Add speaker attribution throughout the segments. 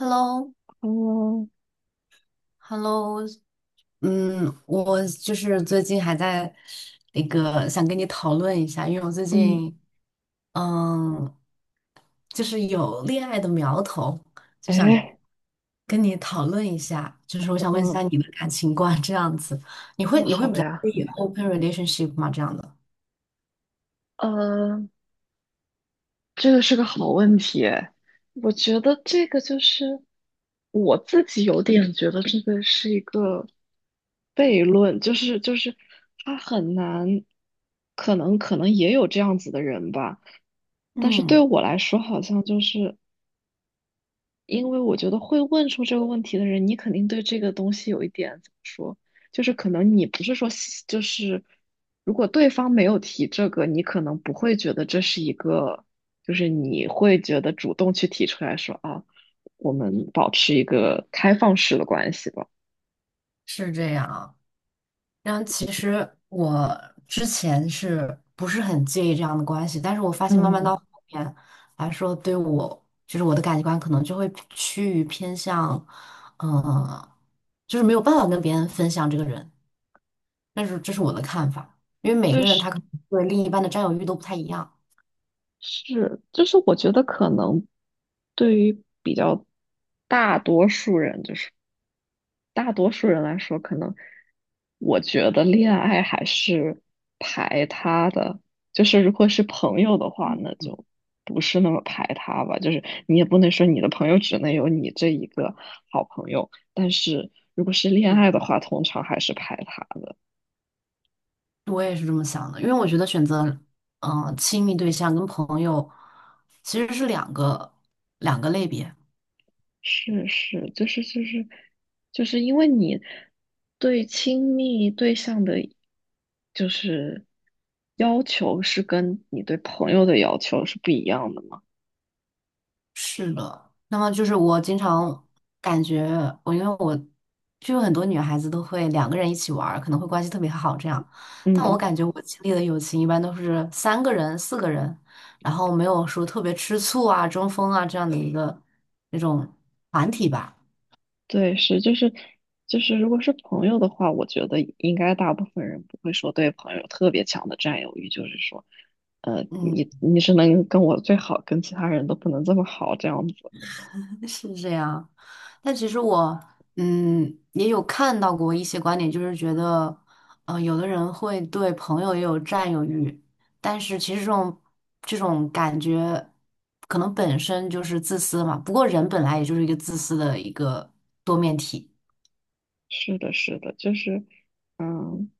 Speaker 1: Hello，Hello，
Speaker 2: 嗯
Speaker 1: 嗯，我就是最近还在那个想跟你讨论一下，因为我最
Speaker 2: 嗯，
Speaker 1: 近嗯，就是有恋爱的苗头，就想
Speaker 2: 哎，
Speaker 1: 跟你讨论一下，就是我想问一
Speaker 2: 嗯，
Speaker 1: 下你的感情观这样子，
Speaker 2: 哦，好呀。
Speaker 1: 可以 open relationship 吗？这样的，
Speaker 2: 呃，这个是个好问题诶。我觉得这个就是，我自己有点觉得这个是一个悖论，就是他很难，可能也有这样子的人吧，但是对
Speaker 1: 嗯，
Speaker 2: 我来说好像就是。因为我觉得会问出这个问题的人，你肯定对这个东西有一点怎么说，就是可能你不是说喜，就是如果对方没有提这个，你可能不会觉得这是一个，就是你会觉得主动去提出来说啊，我们保持一个开放式的关系吧。
Speaker 1: 是这样。啊。然后其实我之前是不是很介意这样的关系，但是我发
Speaker 2: 嗯
Speaker 1: 现慢慢到
Speaker 2: 嗯。
Speaker 1: 后面来说，对我就是我的感情观可能就会趋于偏向，嗯、就是没有办法跟别人分享这个人，但是这是我的看法，因为每
Speaker 2: 对，
Speaker 1: 个人
Speaker 2: 是
Speaker 1: 他可能对另一半的占有欲都不太一样。
Speaker 2: 是，就是我觉得可能对于比较大多数人，就是。大多数人来说，可能我觉得恋爱还是排他的，就是如果是朋友的话，那就不是那么排他吧。就是你也不能说你的朋友只能有你这一个好朋友，但是如果是恋爱的
Speaker 1: 嗯，
Speaker 2: 话，通常还是排他的。
Speaker 1: 我也是这么想的，因为我觉得选择，亲密对象跟朋友其实是两个类别。
Speaker 2: 是是，就是就是因为你对亲密对象的，就是要求是跟你对朋友的要求是不一样的。
Speaker 1: 是的，那么就是我经常感觉我，因为我就有很多女孩子都会两个人一起玩儿，可能会关系特别好这样，
Speaker 2: 嗯
Speaker 1: 但我
Speaker 2: 嗯，
Speaker 1: 感觉我经历的友情一般都是三个人、四个人，然后没有说特别吃醋啊、争锋啊这样的一个那种团体吧。
Speaker 2: 对，是就就是，如果是朋友的话，我觉得应该大部分人不会说对朋友特别强的占有欲，就是说，你
Speaker 1: 嗯。
Speaker 2: 你是能跟我最好，跟其他人都不能这么好，这样子。
Speaker 1: 是这样，但其实我也有看到过一些观点，就是觉得，有的人会对朋友也有占有欲，但是其实这种感觉可能本身就是自私嘛。不过人本来也就是一个自私的一个多面体。
Speaker 2: 是的，是的，就是，嗯。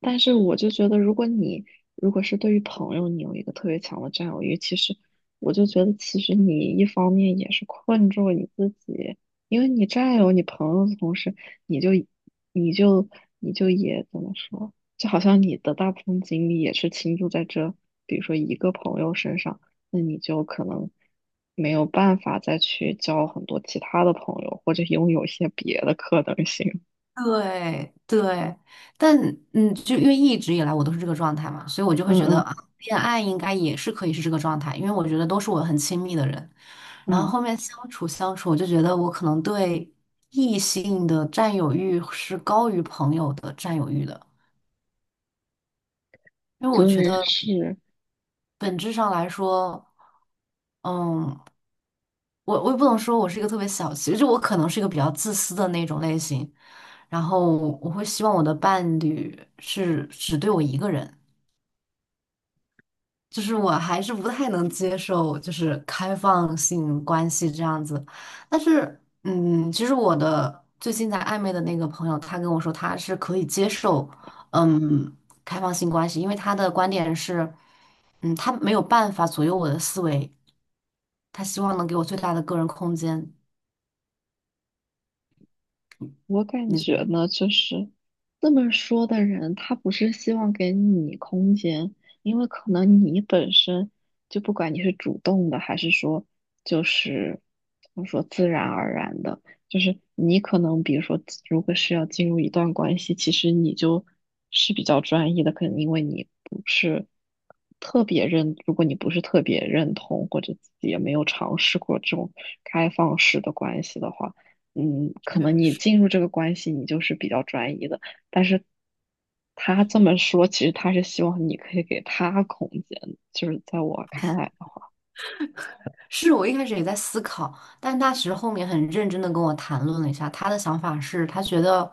Speaker 2: 但是我就觉得，如果你如果是对于朋友，你有一个特别强的占有欲，其实我就觉得，其实你一方面也是困住了你自己，因为你占有你朋友的同时，你就你就你就也怎么说，就好像你的大部分精力也是倾注在这，比如说一个朋友身上，那你就可能没有办法再去交很多其他的朋友，或者拥有一些别的可能性。
Speaker 1: 对对，但就因为一直以来我都是这个状态嘛，所以我就会
Speaker 2: 嗯
Speaker 1: 觉得
Speaker 2: 嗯
Speaker 1: 啊，恋爱应该也是可以是这个状态，因为我觉得都是我很亲密的人，然后
Speaker 2: 嗯，
Speaker 1: 后面相处相处，我就觉得我可能对异性的占有欲是高于朋友的占有欲的，因为我觉
Speaker 2: 对，
Speaker 1: 得
Speaker 2: 是。
Speaker 1: 本质上来说，嗯，我也不能说我是一个特别小气，就我可能是一个比较自私的那种类型，然后我会希望我的伴侣是只对我一个人。就是我还是不太能接受，就是开放性关系这样子。但是，其实我的最近在暧昧的那个朋友，他跟我说他是可以接受，嗯，开放性关系，因为他的观点是，他没有办法左右我的思维，他希望能给我最大的个人空间。
Speaker 2: 我感觉
Speaker 1: 你
Speaker 2: 呢，就是这么说的人，他不是希望给你空间，因为可能你本身就不管你是主动的，还是说就是怎么说自然而然的，就是你可能比如说，如果是要进入一段关系，其实你就是比较专一的，可能因为你不是特别认，如果你不是特别认同，或者自己也没有尝试过这种开放式的关系的话。嗯，可能你进入这个关系，你就是比较专一的。但是他这么说，其实他是希望你可以给他空间的，就是在我看来的话。
Speaker 1: 是我一开始也在思考，但他其实后面很认真的跟我谈论了一下，他的想法是，他觉得，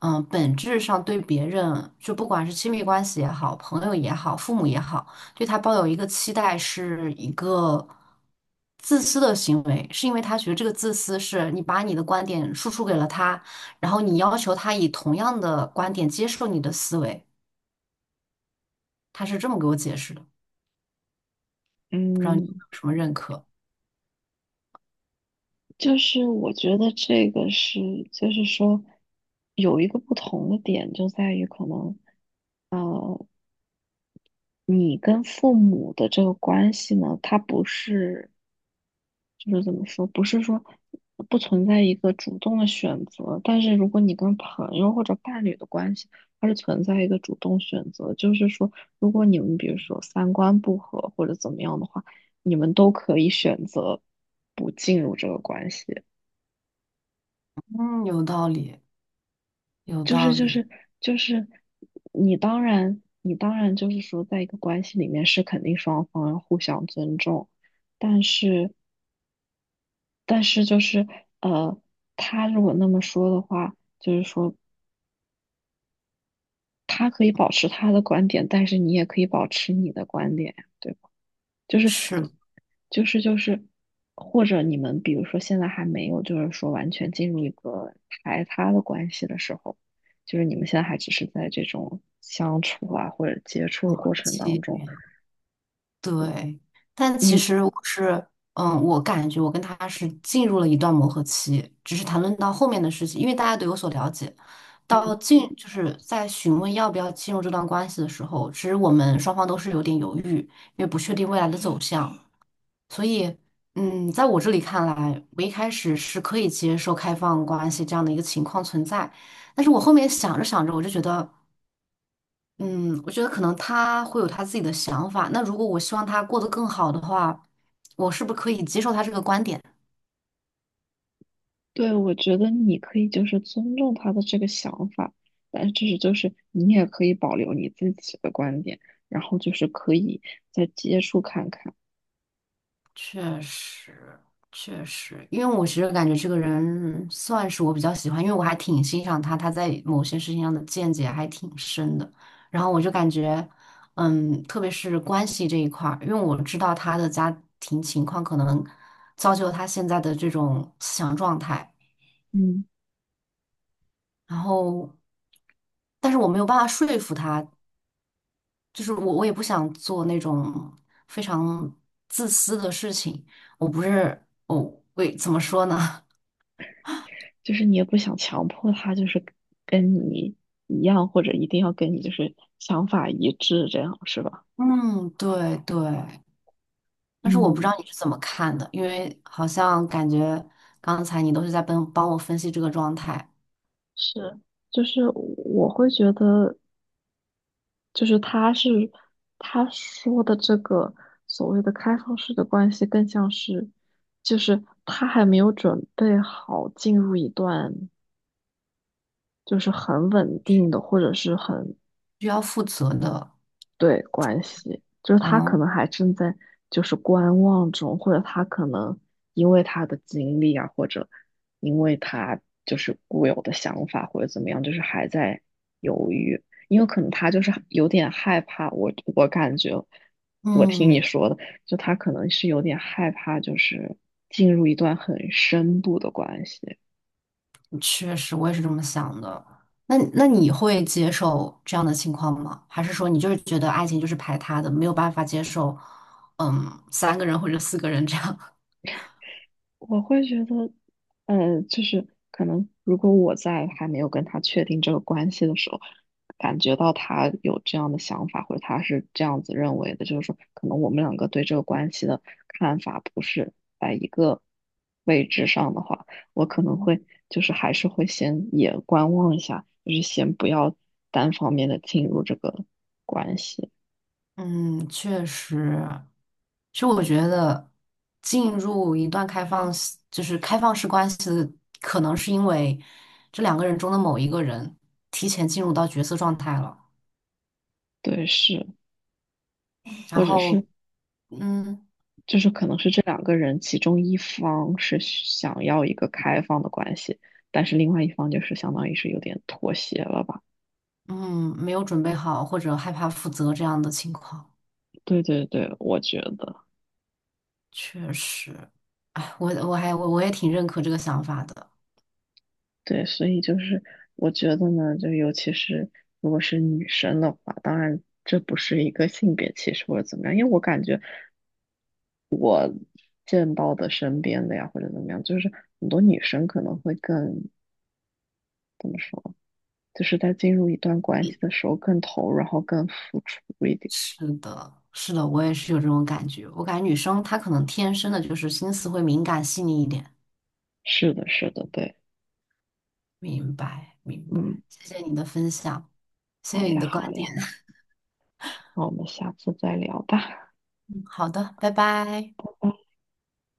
Speaker 1: 本质上对别人，就不管是亲密关系也好，朋友也好，父母也好，对他抱有一个期待，是一个自私的行为，是因为他觉得这个自私是你把你的观点输出给了他，然后你要求他以同样的观点接受你的思维，他是这么给我解释的，
Speaker 2: 嗯，
Speaker 1: 什么认可，
Speaker 2: 就是我觉得这个是，就是说有一个不同的点就在于可能，呃，你跟父母的这个关系呢，他不是。就是怎么说，不是说不存在一个主动的选择，但是如果你跟朋友或者伴侣的关系，它是存在一个主动选择，就是说，如果你们比如说三观不合或者怎么样的话，你们都可以选择不进入这个关系。
Speaker 1: 嗯，有道理，有
Speaker 2: 就
Speaker 1: 道
Speaker 2: 是就
Speaker 1: 理，
Speaker 2: 是就是，你当然就是说，在一个关系里面是肯定双方要互相尊重，但是。但是就是，呃，他如果那么说的话，就是说他可以保持他的观点，但是你也可以保持你的观点呀，对吧？就是
Speaker 1: 是。
Speaker 2: 就是就是，或者你们比如说现在还没有，就是说完全进入一个排他的关系的时候，就是你们现在还只是在这种相处啊或者接触
Speaker 1: 磨
Speaker 2: 的
Speaker 1: 合
Speaker 2: 过程当
Speaker 1: 期
Speaker 2: 中，
Speaker 1: 对，但其
Speaker 2: 你。
Speaker 1: 实我是，我感觉我跟他是进入了一段磨合期，只是谈论到后面的事情，因为大家都有所了解，到进就是在询问要不要进入这段关系的时候，其实我们双方都是有点犹豫，因为不确定未来的走向，所以，在我这里看来，我一开始是可以接受开放关系这样的一个情况存在，但是我后面想着想着，我就觉得。嗯，我觉得可能他会有他自己的想法。那如果我希望他过得更好的话，我是不是可以接受他这个观点？
Speaker 2: 对，我觉得你可以就是尊重他的这个想法，但是就是你也可以保留你自己的观点，然后就是可以再接触看看。
Speaker 1: 确实，确实，因为我其实感觉这个人算是我比较喜欢，因为我还挺欣赏他，他在某些事情上的见解还挺深的。然后我就感觉，特别是关系这一块儿，因为我知道他的家庭情况可能造就了他现在的这种思想状态，
Speaker 2: 嗯，
Speaker 1: 然后。但是我没有办法说服他，就是我也不想做那种非常自私的事情。我不是，哦，喂，怎么说呢？
Speaker 2: 就是你也不想强迫他就是跟你一样，或者一定要跟你就是想法一致，这样是吧？
Speaker 1: 嗯，对对。但是我不知
Speaker 2: 嗯。
Speaker 1: 道你是怎么看的，因为好像感觉刚才你都是在帮帮我分析这个状态，
Speaker 2: 是，就是我会觉得，就是他是他说的这个所谓的开放式的关系，更像是就是他还没有准备好进入一段就是很稳定的或者是很
Speaker 1: 需要负责的。
Speaker 2: 对关系，就是他
Speaker 1: 嗯
Speaker 2: 可能还正在就是观望中，或者他可能因为他的经历啊，或者因为他就是固有的想法或者怎么样，就是还在犹豫，因为可能他就是有点害怕。我感觉，我听你
Speaker 1: 嗯，
Speaker 2: 说的，就他可能是有点害怕，就是进入一段很深度的关系。
Speaker 1: 确实，我也是这么想的。那你会接受这样的情况吗？还是说你就是觉得爱情就是排他的，没有办法接受，三个人或者四个人这样？
Speaker 2: 我会觉得，就是可能如果我在还没有跟他确定这个关系的时候，感觉到他有这样的想法，或者他是这样子认为的，就是说，可能我们两个对这个关系的看法不是在一个位置上的话，我可能会就是还是会先也观望一下，就是先不要单方面的进入这个关系。
Speaker 1: 嗯，确实，其实我觉得进入一段开放式就是开放式关系的可能是因为这两个人中的某一个人提前进入到角色状态了，
Speaker 2: 对，是，
Speaker 1: 然
Speaker 2: 或者
Speaker 1: 后
Speaker 2: 是
Speaker 1: 嗯
Speaker 2: 就是可能是这两个人其中一方是想要一个开放的关系，但是另外一方就是相当于是有点妥协了吧？
Speaker 1: 嗯，没有准备好或者害怕负责这样的情况，
Speaker 2: 对对对，我觉得
Speaker 1: 确实，哎，我我还我我也挺认可这个想法的，
Speaker 2: 对，所以就是我觉得呢，就尤其是如果是女生的话，当然这不是一个性别歧视或者怎么样，因为我感觉见到的身边的呀或者怎么样，就是很多女生可能会更怎么说，就是在进入一段关系的时候更投入，然后更付出一点。
Speaker 1: 是的，是的，我也是有这种感觉，我感觉女生她可能天生的就是心思会敏感细腻一点。
Speaker 2: 是的，是的，对。
Speaker 1: 明白，明白，
Speaker 2: 嗯。
Speaker 1: 谢谢你的分享，谢
Speaker 2: 好
Speaker 1: 谢你
Speaker 2: 呀，
Speaker 1: 的观
Speaker 2: 好呀，
Speaker 1: 点。
Speaker 2: 那我们下次再聊吧。
Speaker 1: 嗯好的，拜拜。
Speaker 2: 拜拜